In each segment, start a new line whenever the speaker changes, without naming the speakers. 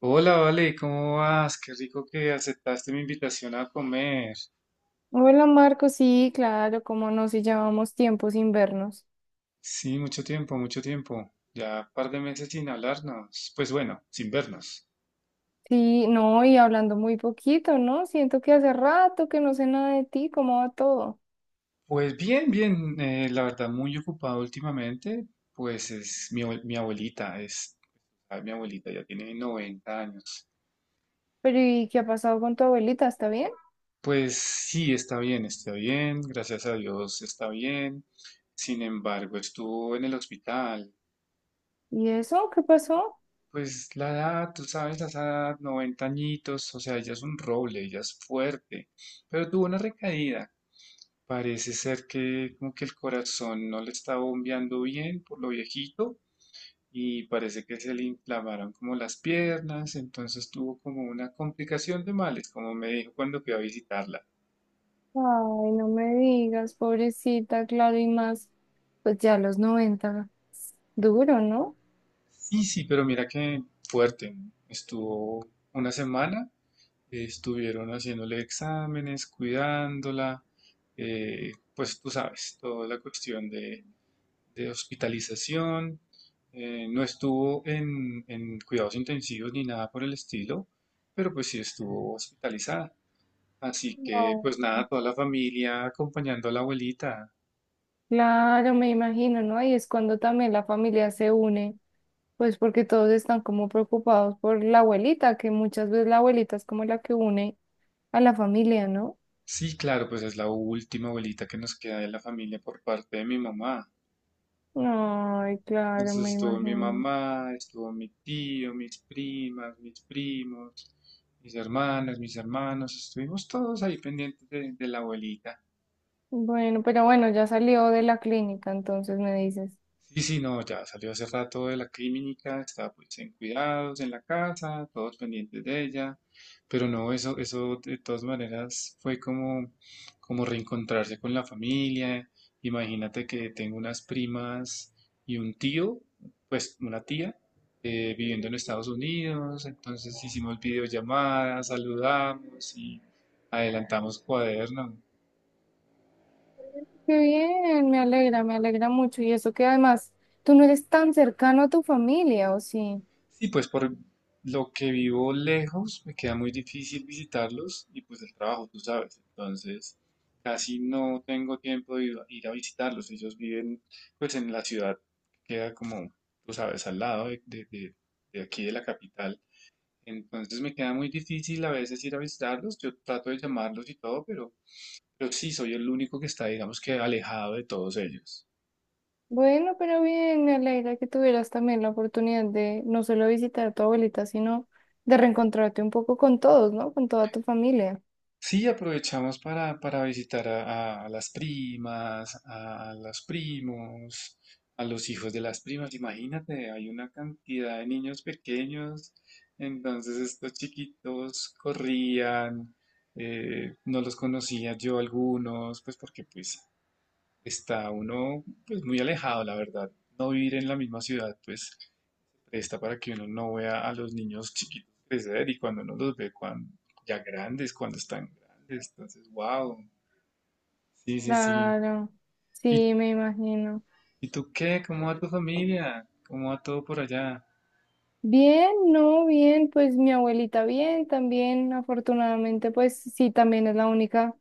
Hola, Vale, ¿cómo vas? Qué rico que aceptaste mi invitación a comer.
Hola Marco, sí, claro, cómo no, si llevamos tiempo sin vernos.
Sí, mucho tiempo, mucho tiempo. Ya un par de meses sin hablarnos. Pues bueno, sin vernos.
Sí, no, y hablando muy poquito, ¿no? Siento que hace rato que no sé nada de ti, ¿cómo va todo?
Pues bien, bien. La verdad, muy ocupado últimamente. Mi abuelita, mi abuelita, ya tiene 90 años.
Pero ¿y qué ha pasado con tu abuelita? ¿Está bien?
Pues sí, está bien, está bien. Gracias a Dios, está bien. Sin embargo, estuvo en el hospital.
¿Y eso? ¿Qué pasó?
Pues la edad, tú sabes, a esa edad, 90 añitos, o sea, ella es un roble, ella es fuerte, pero tuvo una recaída. Parece ser que como que el corazón no le está bombeando bien por lo viejito y parece que se le inflamaron como las piernas, entonces tuvo como una complicación de males, como me dijo cuando fui a visitarla.
Ay, no me digas, pobrecita, claro, y más, pues ya a los 90 duro, ¿no?
Sí, sí, pero mira que fuerte, estuvo una semana. Estuvieron haciéndole exámenes, cuidándola, pues tú sabes, toda la cuestión de hospitalización. No estuvo en cuidados intensivos ni nada por el estilo, pero pues sí estuvo hospitalizada. Así que
No.
pues nada, toda la familia acompañando a la abuelita.
Claro, me imagino, ¿no? Y es cuando también la familia se une. Pues porque todos están como preocupados por la abuelita, que muchas veces la abuelita es como la que une a la familia, ¿no?
Sí, claro, pues es la última abuelita que nos queda de la familia por parte de mi mamá.
Ay, claro,
Entonces
me
estuvo mi
imagino.
mamá, estuvo mi tío, mis primas, mis primos, mis hermanas, mis hermanos, estuvimos todos ahí pendientes de la abuelita.
Bueno, pero bueno, ya salió de la clínica, entonces me dices.
Sí, sí, no, ya salió hace rato de la clínica, está pues en cuidados, en la casa, todos pendientes de ella, pero no, eso de todas maneras fue como, como reencontrarse con la familia. Imagínate que tengo unas primas y un tío, pues una tía, viviendo en Estados Unidos, entonces hicimos videollamadas, saludamos y adelantamos cuaderno.
Qué bien, me alegra mucho. Y eso que además tú no eres tan cercano a tu familia, ¿o sí?
Sí, pues por lo que vivo lejos, me queda muy difícil visitarlos y pues el trabajo, tú sabes. Entonces, casi no tengo tiempo de ir a visitarlos. Ellos viven pues en la ciudad, que queda como, tú sabes, al lado de aquí de la capital. Entonces me queda muy difícil a veces ir a visitarlos. Yo trato de llamarlos y todo, pero sí, soy el único que está, digamos que alejado de todos ellos.
Bueno, pero bien, me alegra que tuvieras también la oportunidad de no solo visitar a tu abuelita, sino de reencontrarte un poco con todos, ¿no? Con toda tu familia.
Sí, aprovechamos para visitar a las primas, a los primos, a los hijos de las primas. Imagínate, hay una cantidad de niños pequeños, entonces estos chiquitos corrían, no los conocía yo algunos, pues porque pues está uno pues muy alejado, la verdad, no vivir en la misma ciudad, pues presta para que uno no vea a los niños chiquitos crecer y cuando uno los ve cuando, ya grandes, cuando están grandes. Entonces, wow. Sí, sí, sí.
Claro,
¿Y,
sí, me imagino.
¿y tú qué? ¿Cómo va tu familia? ¿Cómo va todo por allá?
Bien, no, bien, pues mi abuelita bien, también afortunadamente, pues sí, también es la única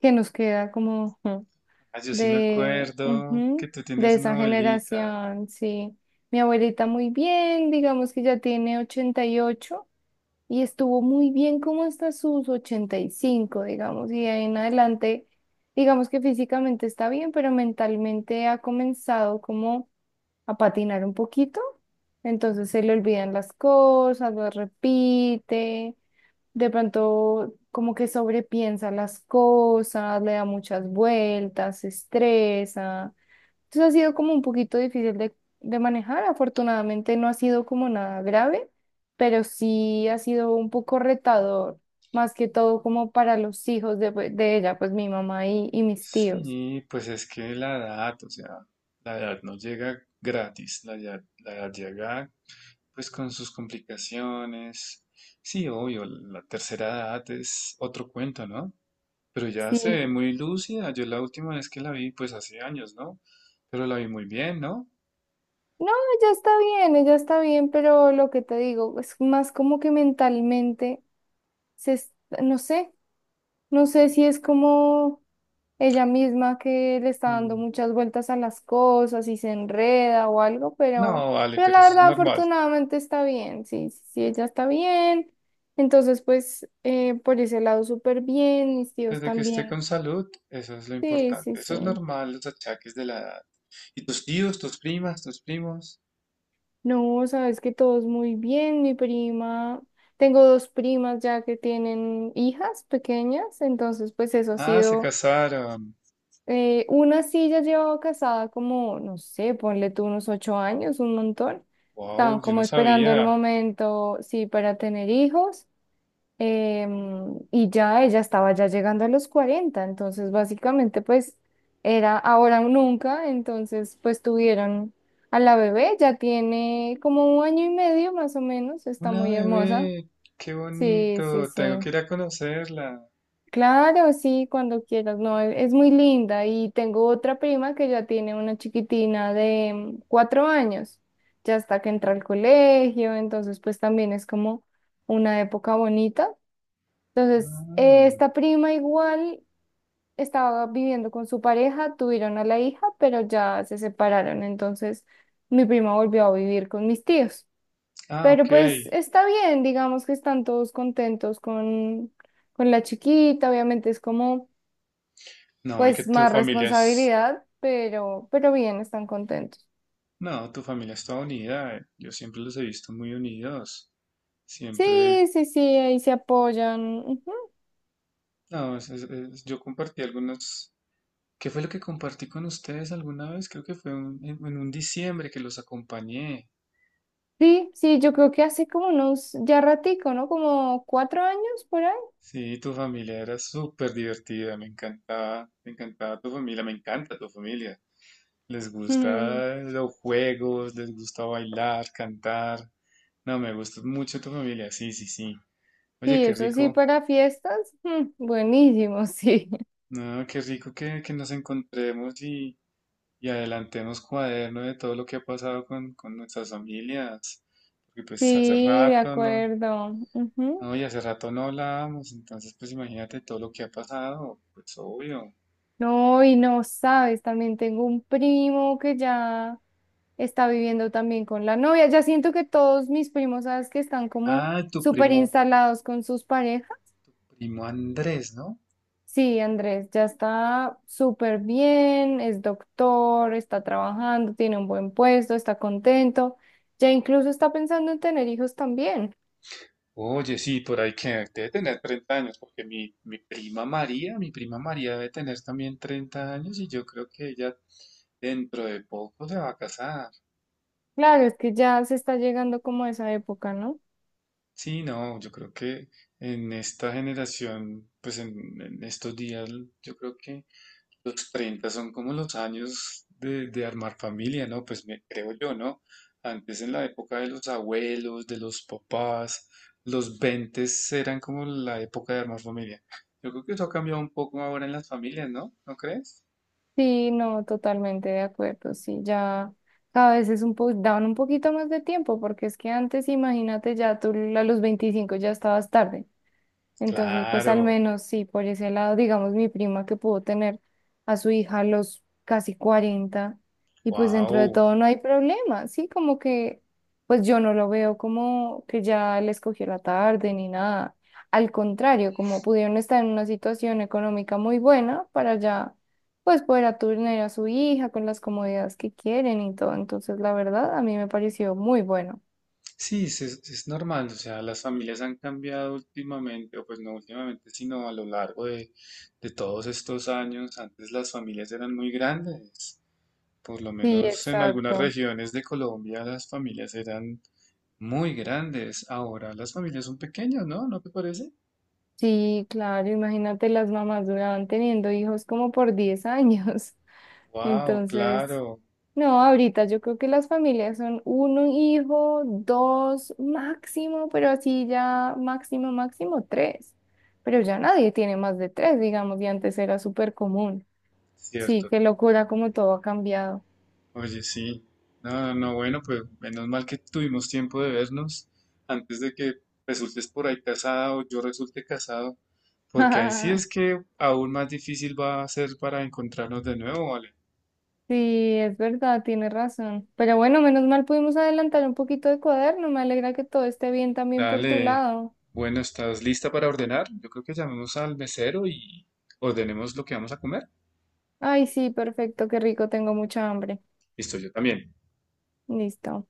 que nos queda como
Ah, yo sí me acuerdo que
ujú,
tú
de
tienes una
esa
abuelita.
generación, sí. Mi abuelita muy bien, digamos que ya tiene 88 y estuvo muy bien como hasta sus 85, digamos, y de ahí en adelante, digamos que físicamente está bien, pero mentalmente ha comenzado como a patinar un poquito, entonces se le olvidan las cosas, las repite, de pronto como que sobrepiensa las cosas, le da muchas vueltas, se estresa. Entonces ha sido como un poquito difícil de manejar, afortunadamente no ha sido como nada grave, pero sí ha sido un poco retador, más que todo como para los hijos de ella, pues mi mamá y mis tíos.
Sí, pues es que la edad, o sea, la edad no llega gratis, la edad llega pues con sus complicaciones. Sí, obvio, la tercera edad es otro cuento, ¿no? Pero ya se
Sí.
ve muy lúcida. Yo la última vez que la vi, pues hace años, ¿no? Pero la vi muy bien, ¿no?
No, ella está bien, pero lo que te digo es más como que mentalmente, se, es- no sé, no sé si es como ella misma que le está dando
Mm,
muchas vueltas a las cosas y se enreda o algo, pero,
no, vale,
pero
pero
la
eso es
verdad
normal.
afortunadamente está bien, sí, sí, ella está bien, entonces pues por ese lado súper bien, mis tíos
Desde que esté con
también,
salud, eso es lo
sí, sí,
importante. Eso es
sí.
normal, los achaques de la edad. ¿Y tus tíos, tus primas, tus primos?
No, sabes que todos muy bien. Mi prima, tengo dos primas ya que tienen hijas pequeñas, entonces pues eso ha
Ah, se
sido,
casaron.
una sí ya llevaba casada como, no sé, ponle tú unos 8 años, un montón.
Wow,
Estaban
yo
como
no
esperando el
sabía.
momento, sí, para tener hijos y ya ella estaba ya llegando a los 40 entonces básicamente pues era ahora o nunca, entonces pues tuvieron a la bebé, ya tiene como un año y medio más o menos, está
Una
muy hermosa.
bebé, qué
Sí, sí,
bonito.
sí.
Tengo que ir a conocerla.
Claro, sí, cuando quieras, no, es muy linda y tengo otra prima que ya tiene una chiquitina de 4 años, ya hasta que entra al colegio, entonces pues también es como una época bonita entonces,
Ah,
esta prima igual estaba viviendo con su pareja, tuvieron a la hija, pero ya se separaron. Entonces, mi prima volvió a vivir con mis tíos.
ah,
Pero
ok.
pues está bien, digamos que están todos contentos con, la chiquita. Obviamente es como,
No, y que
pues,
tu
más
familia es...
responsabilidad, pero bien, están contentos.
No, tu familia es toda unida. Yo siempre los he visto muy unidos. Siempre,
Sí, sí, sí, ahí se apoyan. Ujú.
no, es- yo compartí algunos. ¿Qué fue lo que compartí con ustedes alguna vez? Creo que fue en un diciembre que los acompañé.
Sí, sí, yo creo que hace como unos ya ratico, ¿no? Como 4 años por ahí.
Sí, tu familia era súper divertida. Me encantaba tu familia, me encanta tu familia. Les gusta los juegos, les gusta bailar, cantar. No, me gusta mucho tu familia. Sí, sí, sí. Oye,
Sí,
qué
eso sí,
rico.
para fiestas, buenísimo, sí.
No, qué rico que nos encontremos y adelantemos cuaderno de todo lo que ha pasado con nuestras familias, porque pues hace
Sí, de
rato
acuerdo. Ujú.
no, y hace rato no hablábamos, entonces pues imagínate todo lo que ha pasado, pues obvio.
No, y no sabes, también tengo un primo que ya está viviendo también con la novia. Ya siento que todos mis primos, sabes que están como
Ah, tu
súper
primo,
instalados con sus parejas.
primo Andrés, ¿no?
Sí, Andrés, ya está súper bien, es doctor, está trabajando, tiene un buen puesto, está contento. Ya incluso está pensando en tener hijos también.
Oye, sí, por ahí que debe tener 30 años, porque mi prima María debe tener también 30 años y yo creo que ella dentro de poco se va a casar.
Claro, es que ya se está llegando como a esa época, ¿no?
Sí, no, yo creo que en esta generación, pues en estos días, yo creo que los 30 son como los años de armar familia, ¿no? Pues me creo yo, ¿no? Antes en la época de los abuelos, de los papás, los 20 eran como la época de armar familia. Yo creo que eso ha cambiado un poco ahora en las familias, ¿no? ¿No crees?
Sí, no, totalmente de acuerdo. Sí, ya cada vez es un po daban un poquito más de tiempo, porque es que antes, imagínate, ya tú a los 25 ya estabas tarde. Entonces, pues al
Claro,
menos sí, por ese lado, digamos, mi prima que pudo tener a su hija a los casi 40 y pues dentro de
wow.
todo no hay problema, sí, como que pues yo no lo veo como que ya les cogió la tarde ni nada. Al contrario, como pudieron estar en una situación económica muy buena para ya pues poder atender a su hija con las comodidades que quieren y todo. Entonces, la verdad, a mí me pareció muy bueno.
Sí, es, es normal, o sea, las familias han cambiado últimamente, o pues no últimamente, sino a lo largo de todos estos años. Antes las familias eran muy grandes, por lo
Sí,
menos en algunas
exacto.
regiones de Colombia las familias eran muy grandes. Ahora las familias son pequeñas, ¿no? ¿No te parece?
Sí, claro, imagínate, las mamás duraban teniendo hijos como por 10 años.
Wow,
Entonces,
claro,
no, ahorita yo creo que las familias son uno hijo, dos máximo, pero así ya máximo, máximo tres. Pero ya nadie tiene más de tres, digamos, y antes era súper común. Sí,
cierto.
qué locura como todo ha cambiado.
Oye, sí. No, no, no, bueno, pues menos mal que tuvimos tiempo de vernos antes de que resultes por ahí casada o yo resulte casado, porque ahí sí es que aún más difícil va a ser para encontrarnos de nuevo, ¿vale?
Sí, es verdad, tiene razón. Pero bueno, menos mal pudimos adelantar un poquito de cuaderno. Me alegra que todo esté bien también por tu
Dale.
lado.
Bueno, ¿estás lista para ordenar? Yo creo que llamemos al mesero y ordenemos lo que vamos a comer.
Ay, sí, perfecto, qué rico, tengo mucha hambre.
Listo, yo también.
Listo,